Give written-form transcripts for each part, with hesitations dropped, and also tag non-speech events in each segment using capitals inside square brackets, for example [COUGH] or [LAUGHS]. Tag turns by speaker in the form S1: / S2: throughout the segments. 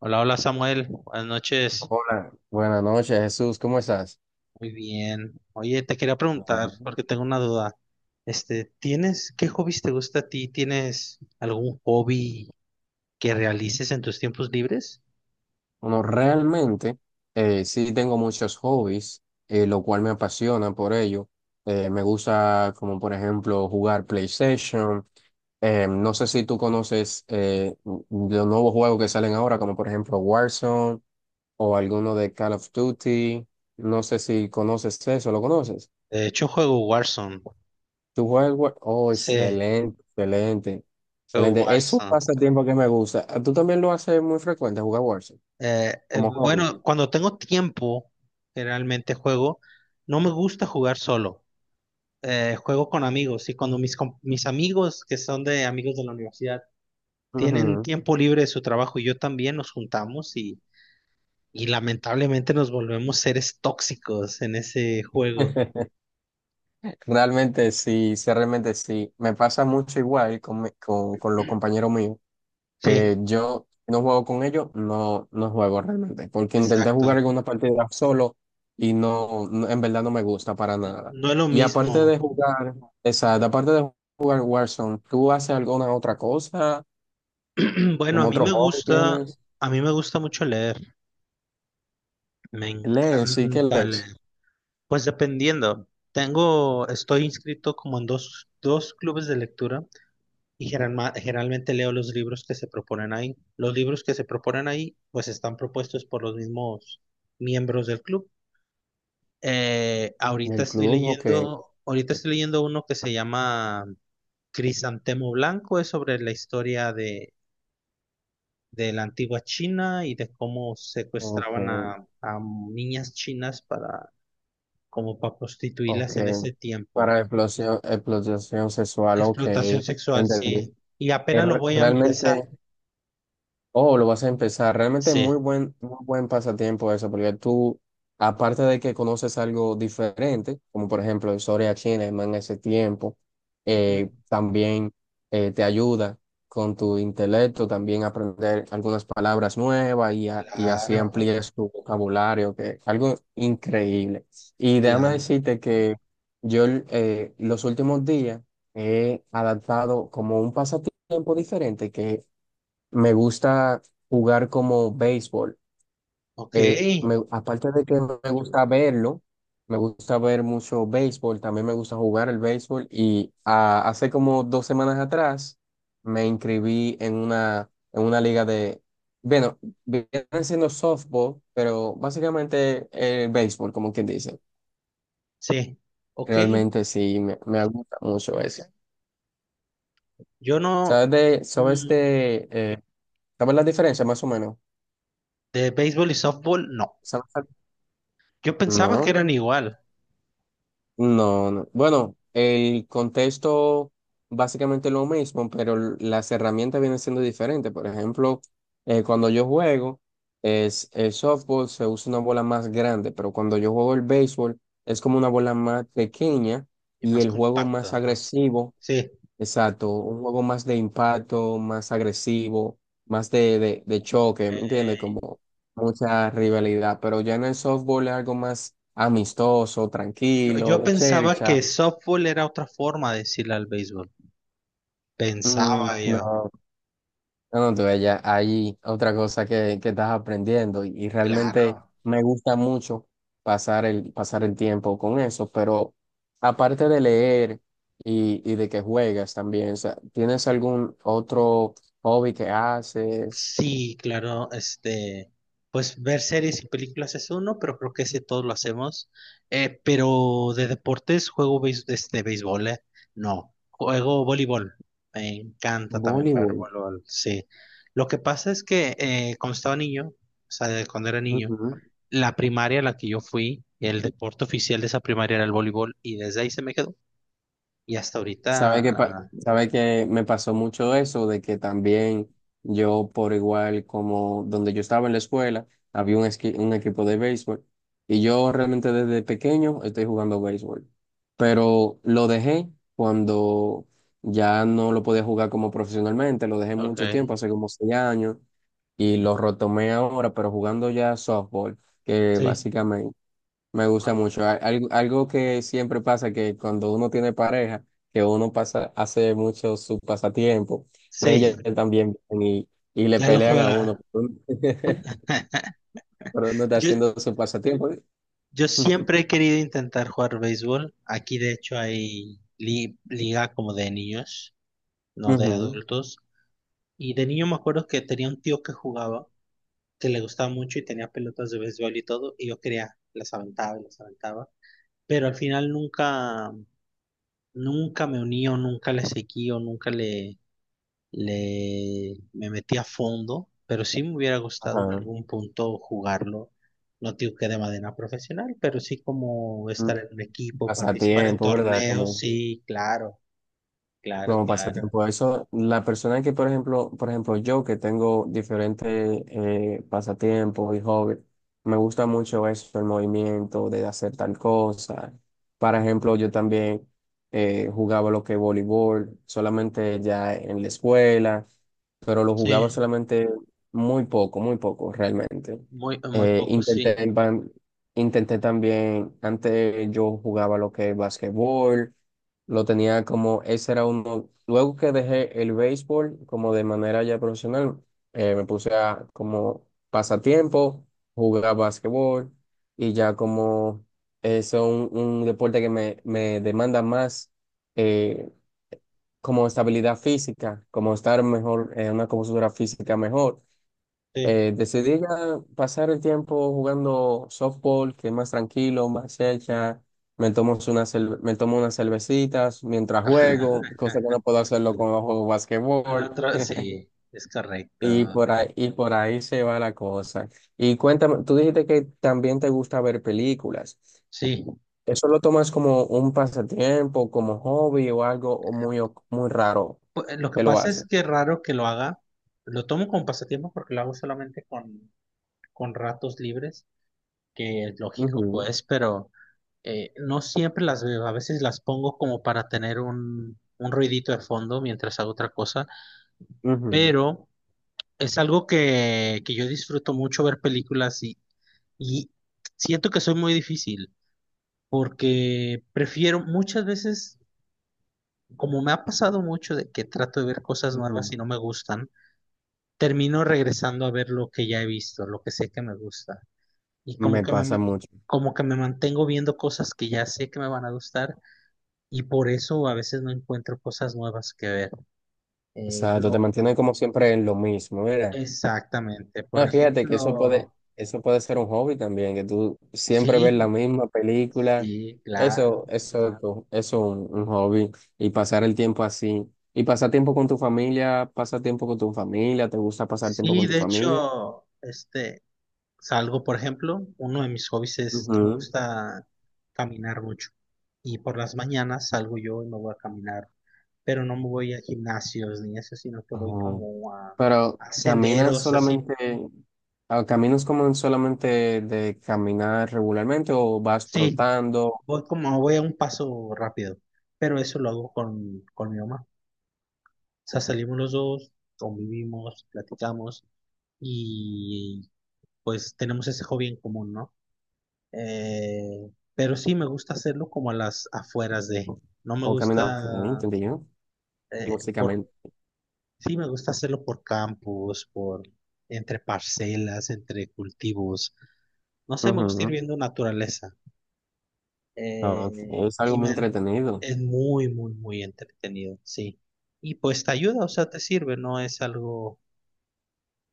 S1: Hola, hola Samuel, buenas noches.
S2: Hola, buenas noches, Jesús, ¿cómo estás?
S1: Muy bien. Oye, te quería preguntar
S2: Bueno,
S1: porque tengo una duda. ¿Tienes qué hobbies te gusta a ti? ¿Tienes algún hobby que realices en tus tiempos libres?
S2: Bueno, realmente sí tengo muchos hobbies, lo cual me apasiona por ello. Me gusta, como por ejemplo, jugar PlayStation. No sé si tú conoces los nuevos juegos que salen ahora, como por ejemplo Warzone o alguno de Call of Duty. No sé si conoces eso, ¿lo conoces?
S1: De hecho, juego Warzone.
S2: ¿Tú juegas el Oh,
S1: Sí,
S2: excelente, excelente.
S1: juego
S2: Excelente. Es un
S1: Warzone.
S2: pasatiempo que me gusta. Ah, ¿tú también lo haces muy frecuente, jugar Warzone? Como hobby.
S1: Bueno, cuando tengo tiempo, generalmente juego. No me gusta jugar solo. Juego con amigos y cuando mis amigos, que son de amigos de la universidad, tienen
S2: Ujú.
S1: tiempo libre de su trabajo y yo también nos juntamos y lamentablemente nos volvemos seres tóxicos en ese juego.
S2: [LAUGHS] Realmente sí, sí, realmente sí. Me pasa mucho igual con con los compañeros míos,
S1: Sí,
S2: que yo no juego con ellos, no juego realmente, porque intenté jugar
S1: exacto.
S2: alguna partida solo y en verdad no me gusta para nada.
S1: No es lo
S2: Y aparte de
S1: mismo.
S2: jugar, exacto, aparte de jugar Warzone, ¿tú haces alguna otra cosa?
S1: [CLEARS THROAT] Bueno, a
S2: ¿Como
S1: mí
S2: otro
S1: me
S2: hobby
S1: gusta,
S2: tienes?
S1: a mí me gusta mucho leer. Me
S2: Lees, sí que
S1: encanta
S2: lees.
S1: leer. Pues dependiendo. Estoy inscrito como en dos clubes de lectura y generalmente leo los libros que se proponen ahí. Los libros que se proponen ahí, pues están propuestos por los mismos miembros del club.
S2: En el club, ok,
S1: Ahorita estoy leyendo uno que se llama Crisantemo Blanco, es sobre la historia de la antigua China y de cómo
S2: ok,
S1: secuestraban a niñas chinas como para
S2: ok.
S1: prostituirlas en ese tiempo.
S2: Para explotación sexual, ok,
S1: Explotación sexual, sí.
S2: entendí.
S1: Y apenas lo voy a empezar.
S2: Realmente, oh, lo vas a empezar. Realmente
S1: Sí.
S2: muy buen pasatiempo eso, porque tú, aparte de que conoces algo diferente, como por ejemplo historia china, en ese tiempo,
S1: Ujú.
S2: también te ayuda con tu intelecto, también aprender algunas palabras nuevas y así
S1: Claro,
S2: amplíes tu vocabulario, que es algo increíble. Y déjame
S1: claro.
S2: decirte que yo los últimos días he adaptado como un pasatiempo diferente, que me gusta jugar como béisbol.
S1: Ok,
S2: Aparte de que me gusta verlo, me gusta ver mucho béisbol, también me gusta jugar el béisbol y ah, hace como dos semanas atrás me inscribí en una liga de, bueno, vienen siendo softball, pero básicamente el béisbol, como quien dice.
S1: sí. Ok.
S2: Realmente sí, me gusta mucho eso.
S1: Yo no.
S2: ¿Sabes de, sabes
S1: mm,
S2: de, eh, sabes la diferencia más o menos?
S1: de béisbol y softball, no.
S2: ¿Sabes?
S1: Yo pensaba que
S2: No.
S1: eran igual
S2: No, no. Bueno, el contexto básicamente es lo mismo, pero las herramientas vienen siendo diferentes. Por ejemplo, cuando yo juego, es el softball se usa una bola más grande, pero cuando yo juego el béisbol es como una bola más pequeña
S1: y
S2: y
S1: más
S2: el juego más
S1: compactas, ¿no?
S2: agresivo.
S1: Sí.
S2: Exacto, un juego más de impacto, más agresivo, más de choque, ¿me entiendes? Como
S1: Ey.
S2: mucha rivalidad, pero ya en el softball es algo más amistoso,
S1: Yo,
S2: tranquilo,
S1: yo
S2: de
S1: pensaba
S2: chercha.
S1: que softball era otra forma de decirle al béisbol.
S2: Mm,
S1: Pensaba yo.
S2: no, no, tú, ella, hay otra cosa que estás aprendiendo y realmente
S1: Claro.
S2: me gusta mucho pasar pasar el tiempo con eso, pero aparte de leer y de que juegas también, o sea, ¿tienes algún otro hobby que haces?
S1: Sí, claro, pues ver series y películas es uno, pero creo que ese todos lo hacemos. Pero de deportes juego béis- este, béisbol. No, Juego voleibol. Me encanta también jugar
S2: Voleibol.
S1: voleibol, sí. Lo que pasa es que cuando estaba niño, o sea, de cuando era niño,
S2: Ujú.
S1: la primaria a la que yo fui, el deporte oficial de esa primaria era el voleibol y desde ahí se me quedó. Y hasta ahorita,
S2: Sabe que pa-
S1: ah,
S2: sabe que me pasó mucho eso de que también yo por igual como donde yo estaba en la escuela había un equipo de béisbol y yo realmente desde pequeño estoy jugando béisbol, pero lo dejé cuando ya no lo podía jugar como profesionalmente, lo dejé
S1: ok,
S2: mucho tiempo, hace como seis años y lo retomé ahora, pero jugando ya softball, que
S1: sí,
S2: básicamente me gusta mucho. Algo, algo que siempre pasa que cuando uno tiene pareja, que uno pasa, hace mucho su pasatiempo,
S1: sí,
S2: ellas también vienen y le
S1: ya lo
S2: pelean a uno,
S1: juega.
S2: [LAUGHS] pero uno está
S1: Yo,
S2: haciendo su pasatiempo.
S1: Yo siempre he querido intentar jugar béisbol. Aquí de hecho hay liga como de niños, no de
S2: Ujú.
S1: adultos. Y de niño me acuerdo que tenía un tío que jugaba, que le gustaba mucho y tenía pelotas de béisbol y todo, y yo quería, las aventaba y las aventaba. Pero al final nunca me uní o nunca le seguí o nunca le, le, me metí a fondo, pero sí me hubiera gustado en
S2: Ajá.
S1: algún punto jugarlo. No digo que de manera profesional, pero sí como
S2: Mm,
S1: estar en un equipo, participar en
S2: pasatiempo, ¿verdad?
S1: torneos,
S2: Como,
S1: sí, claro, claro,
S2: como
S1: claro.
S2: pasatiempo, eso, la persona que, por ejemplo, yo que tengo diferentes pasatiempos y hobbies, me gusta mucho eso, el movimiento de hacer tal cosa. Por
S1: Ujú.
S2: ejemplo, yo también jugaba lo que es voleibol, solamente ya en la escuela, pero lo jugaba
S1: Sí,
S2: solamente muy poco realmente.
S1: muy, muy
S2: Eh,
S1: poco,
S2: intenté,
S1: sí,
S2: en ban- intenté también, antes yo jugaba lo que es basquetbol, lo tenía como, ese era uno. Luego que dejé el béisbol como de manera ya profesional, me puse a como pasatiempo, jugar básquetbol y ya como es un deporte que me demanda más eh, como estabilidad física, como estar mejor, en una compostura física mejor.
S1: sí.
S2: Decidí ya pasar el tiempo jugando softball, que es más tranquilo, más hecha. Me tomo unas cervecitas mientras juego,
S1: [LAUGHS]
S2: cosa que no puedo hacerlo cuando juego
S1: Ah,
S2: basquetbol.
S1: sí, es correcto.
S2: Y por ahí se va la cosa. Y cuéntame, tú dijiste que también te gusta ver películas.
S1: Sí,
S2: ¿Eso lo tomas como un pasatiempo, como hobby o algo o muy raro
S1: Lo que
S2: que lo
S1: pasa
S2: haces?
S1: es que es raro que lo haga. Lo tomo como pasatiempo porque lo hago solamente con ratos libres, que es lógico,
S2: Ujú,
S1: pues, pero… no siempre las veo, a veces las pongo como para tener un ruidito de fondo mientras hago otra cosa,
S2: ujú,
S1: pero es algo que yo disfruto mucho ver películas y siento que soy muy difícil porque prefiero muchas veces, como me ha pasado mucho de que trato de ver cosas
S2: ujú.
S1: nuevas y no me gustan, termino regresando a ver lo que ya he visto, lo que sé que me gusta y como
S2: Me
S1: que
S2: pasa
S1: me,
S2: mucho.
S1: como que me mantengo viendo cosas que ya sé que me van a gustar. Y por eso a veces no encuentro cosas nuevas que ver. Eh,
S2: Exacto, te
S1: lo,
S2: mantiene como siempre en lo mismo, mira.
S1: exactamente. Por
S2: No, fíjate que
S1: ejemplo,
S2: eso puede ser un hobby también, que tú siempre ves
S1: sí,
S2: la misma película.
S1: sí,
S2: Eso,
S1: claro.
S2: eso es un hobby. Y pasar el tiempo así. Y pasar tiempo con tu familia, pasa tiempo con tu familia, ¿te gusta pasar tiempo con
S1: Sí,
S2: tu
S1: de
S2: familia?
S1: hecho, salgo, por ejemplo, uno de mis hobbies es que me
S2: Ujú.
S1: gusta caminar mucho. Y por las mañanas salgo yo y me voy a caminar, pero no me voy a gimnasios ni eso, sino que
S2: Ajá.
S1: voy
S2: Pero
S1: a
S2: caminas
S1: senderos, así.
S2: solamente, ah, caminas como en solamente de caminar regularmente o vas
S1: Sí,
S2: trotando
S1: voy a un paso rápido, pero eso lo hago con mi mamá. Sea, salimos los dos, convivimos, platicamos y pues tenemos ese hobby en común, ¿no? Pero sí me gusta hacerlo como a las afueras de, no me
S2: o caminas, ok,
S1: gusta,
S2: entendí yo,
S1: eh, por,
S2: básicamente.
S1: sí me gusta hacerlo por campos, por entre parcelas, entre cultivos, no sé, me gusta ir
S2: Ujú.
S1: viendo naturaleza
S2: Ah, ok,
S1: eh,
S2: es algo
S1: y
S2: muy
S1: me,
S2: entretenido.
S1: es muy, muy, muy entretenido, sí. Y pues te ayuda, o sea, te sirve, no es algo,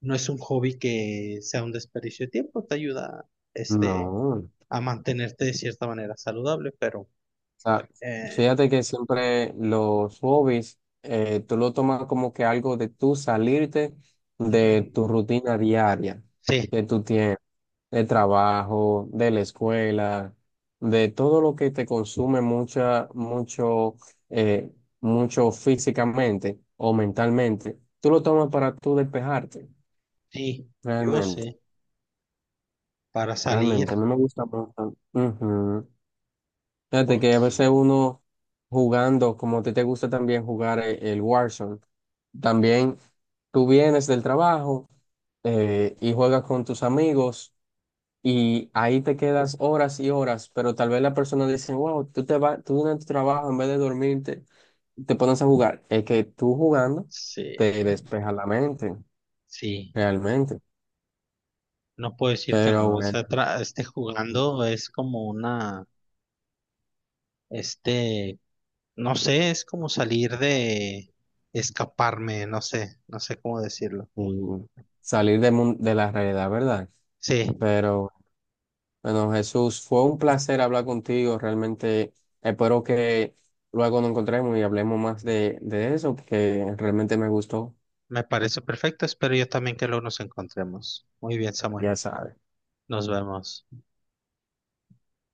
S1: no es un hobby que sea un desperdicio de tiempo, te ayuda este,
S2: No. O
S1: a mantenerte de cierta manera saludable, pero
S2: sea,
S1: eh,
S2: fíjate que siempre los hobbies, tú lo tomas como que algo de tú salirte de
S1: ujú,
S2: tu rutina diaria
S1: sí,
S2: que tú tienes, de trabajo, de la escuela, de todo lo que te consume mucha, mucho, eh, mucho físicamente o mentalmente. Tú lo tomas para tú despejarte,
S1: sí, yo
S2: realmente.
S1: sé, para salir,
S2: Realmente, a mí me gusta mucho. Ujú. Fíjate que a
S1: porque
S2: veces uno jugando, como a ti te gusta también jugar el Warzone, también tú vienes del trabajo y juegas con tus amigos y ahí te quedas horas y horas, pero tal vez la persona dice, wow, tú te vas, tú en tu trabajo en vez de dormirte, te pones a jugar. Es que tú jugando
S1: sí,
S2: te despeja la mente,
S1: sí,
S2: realmente.
S1: no puedo decir que
S2: Pero
S1: no, o
S2: bueno,
S1: sea, jugando es como una, este, no sé, es como salir de escaparme, no sé, no sé cómo decirlo.
S2: y salir de, de la realidad, ¿verdad?
S1: Sí,
S2: Pero... Bueno, Jesús, fue un placer hablar contigo. Realmente espero que luego nos encontremos y hablemos más de eso, porque realmente me gustó.
S1: me parece perfecto, espero yo también que luego nos encontremos. Muy bien, Samuel.
S2: Ya sabes.
S1: Nos vemos.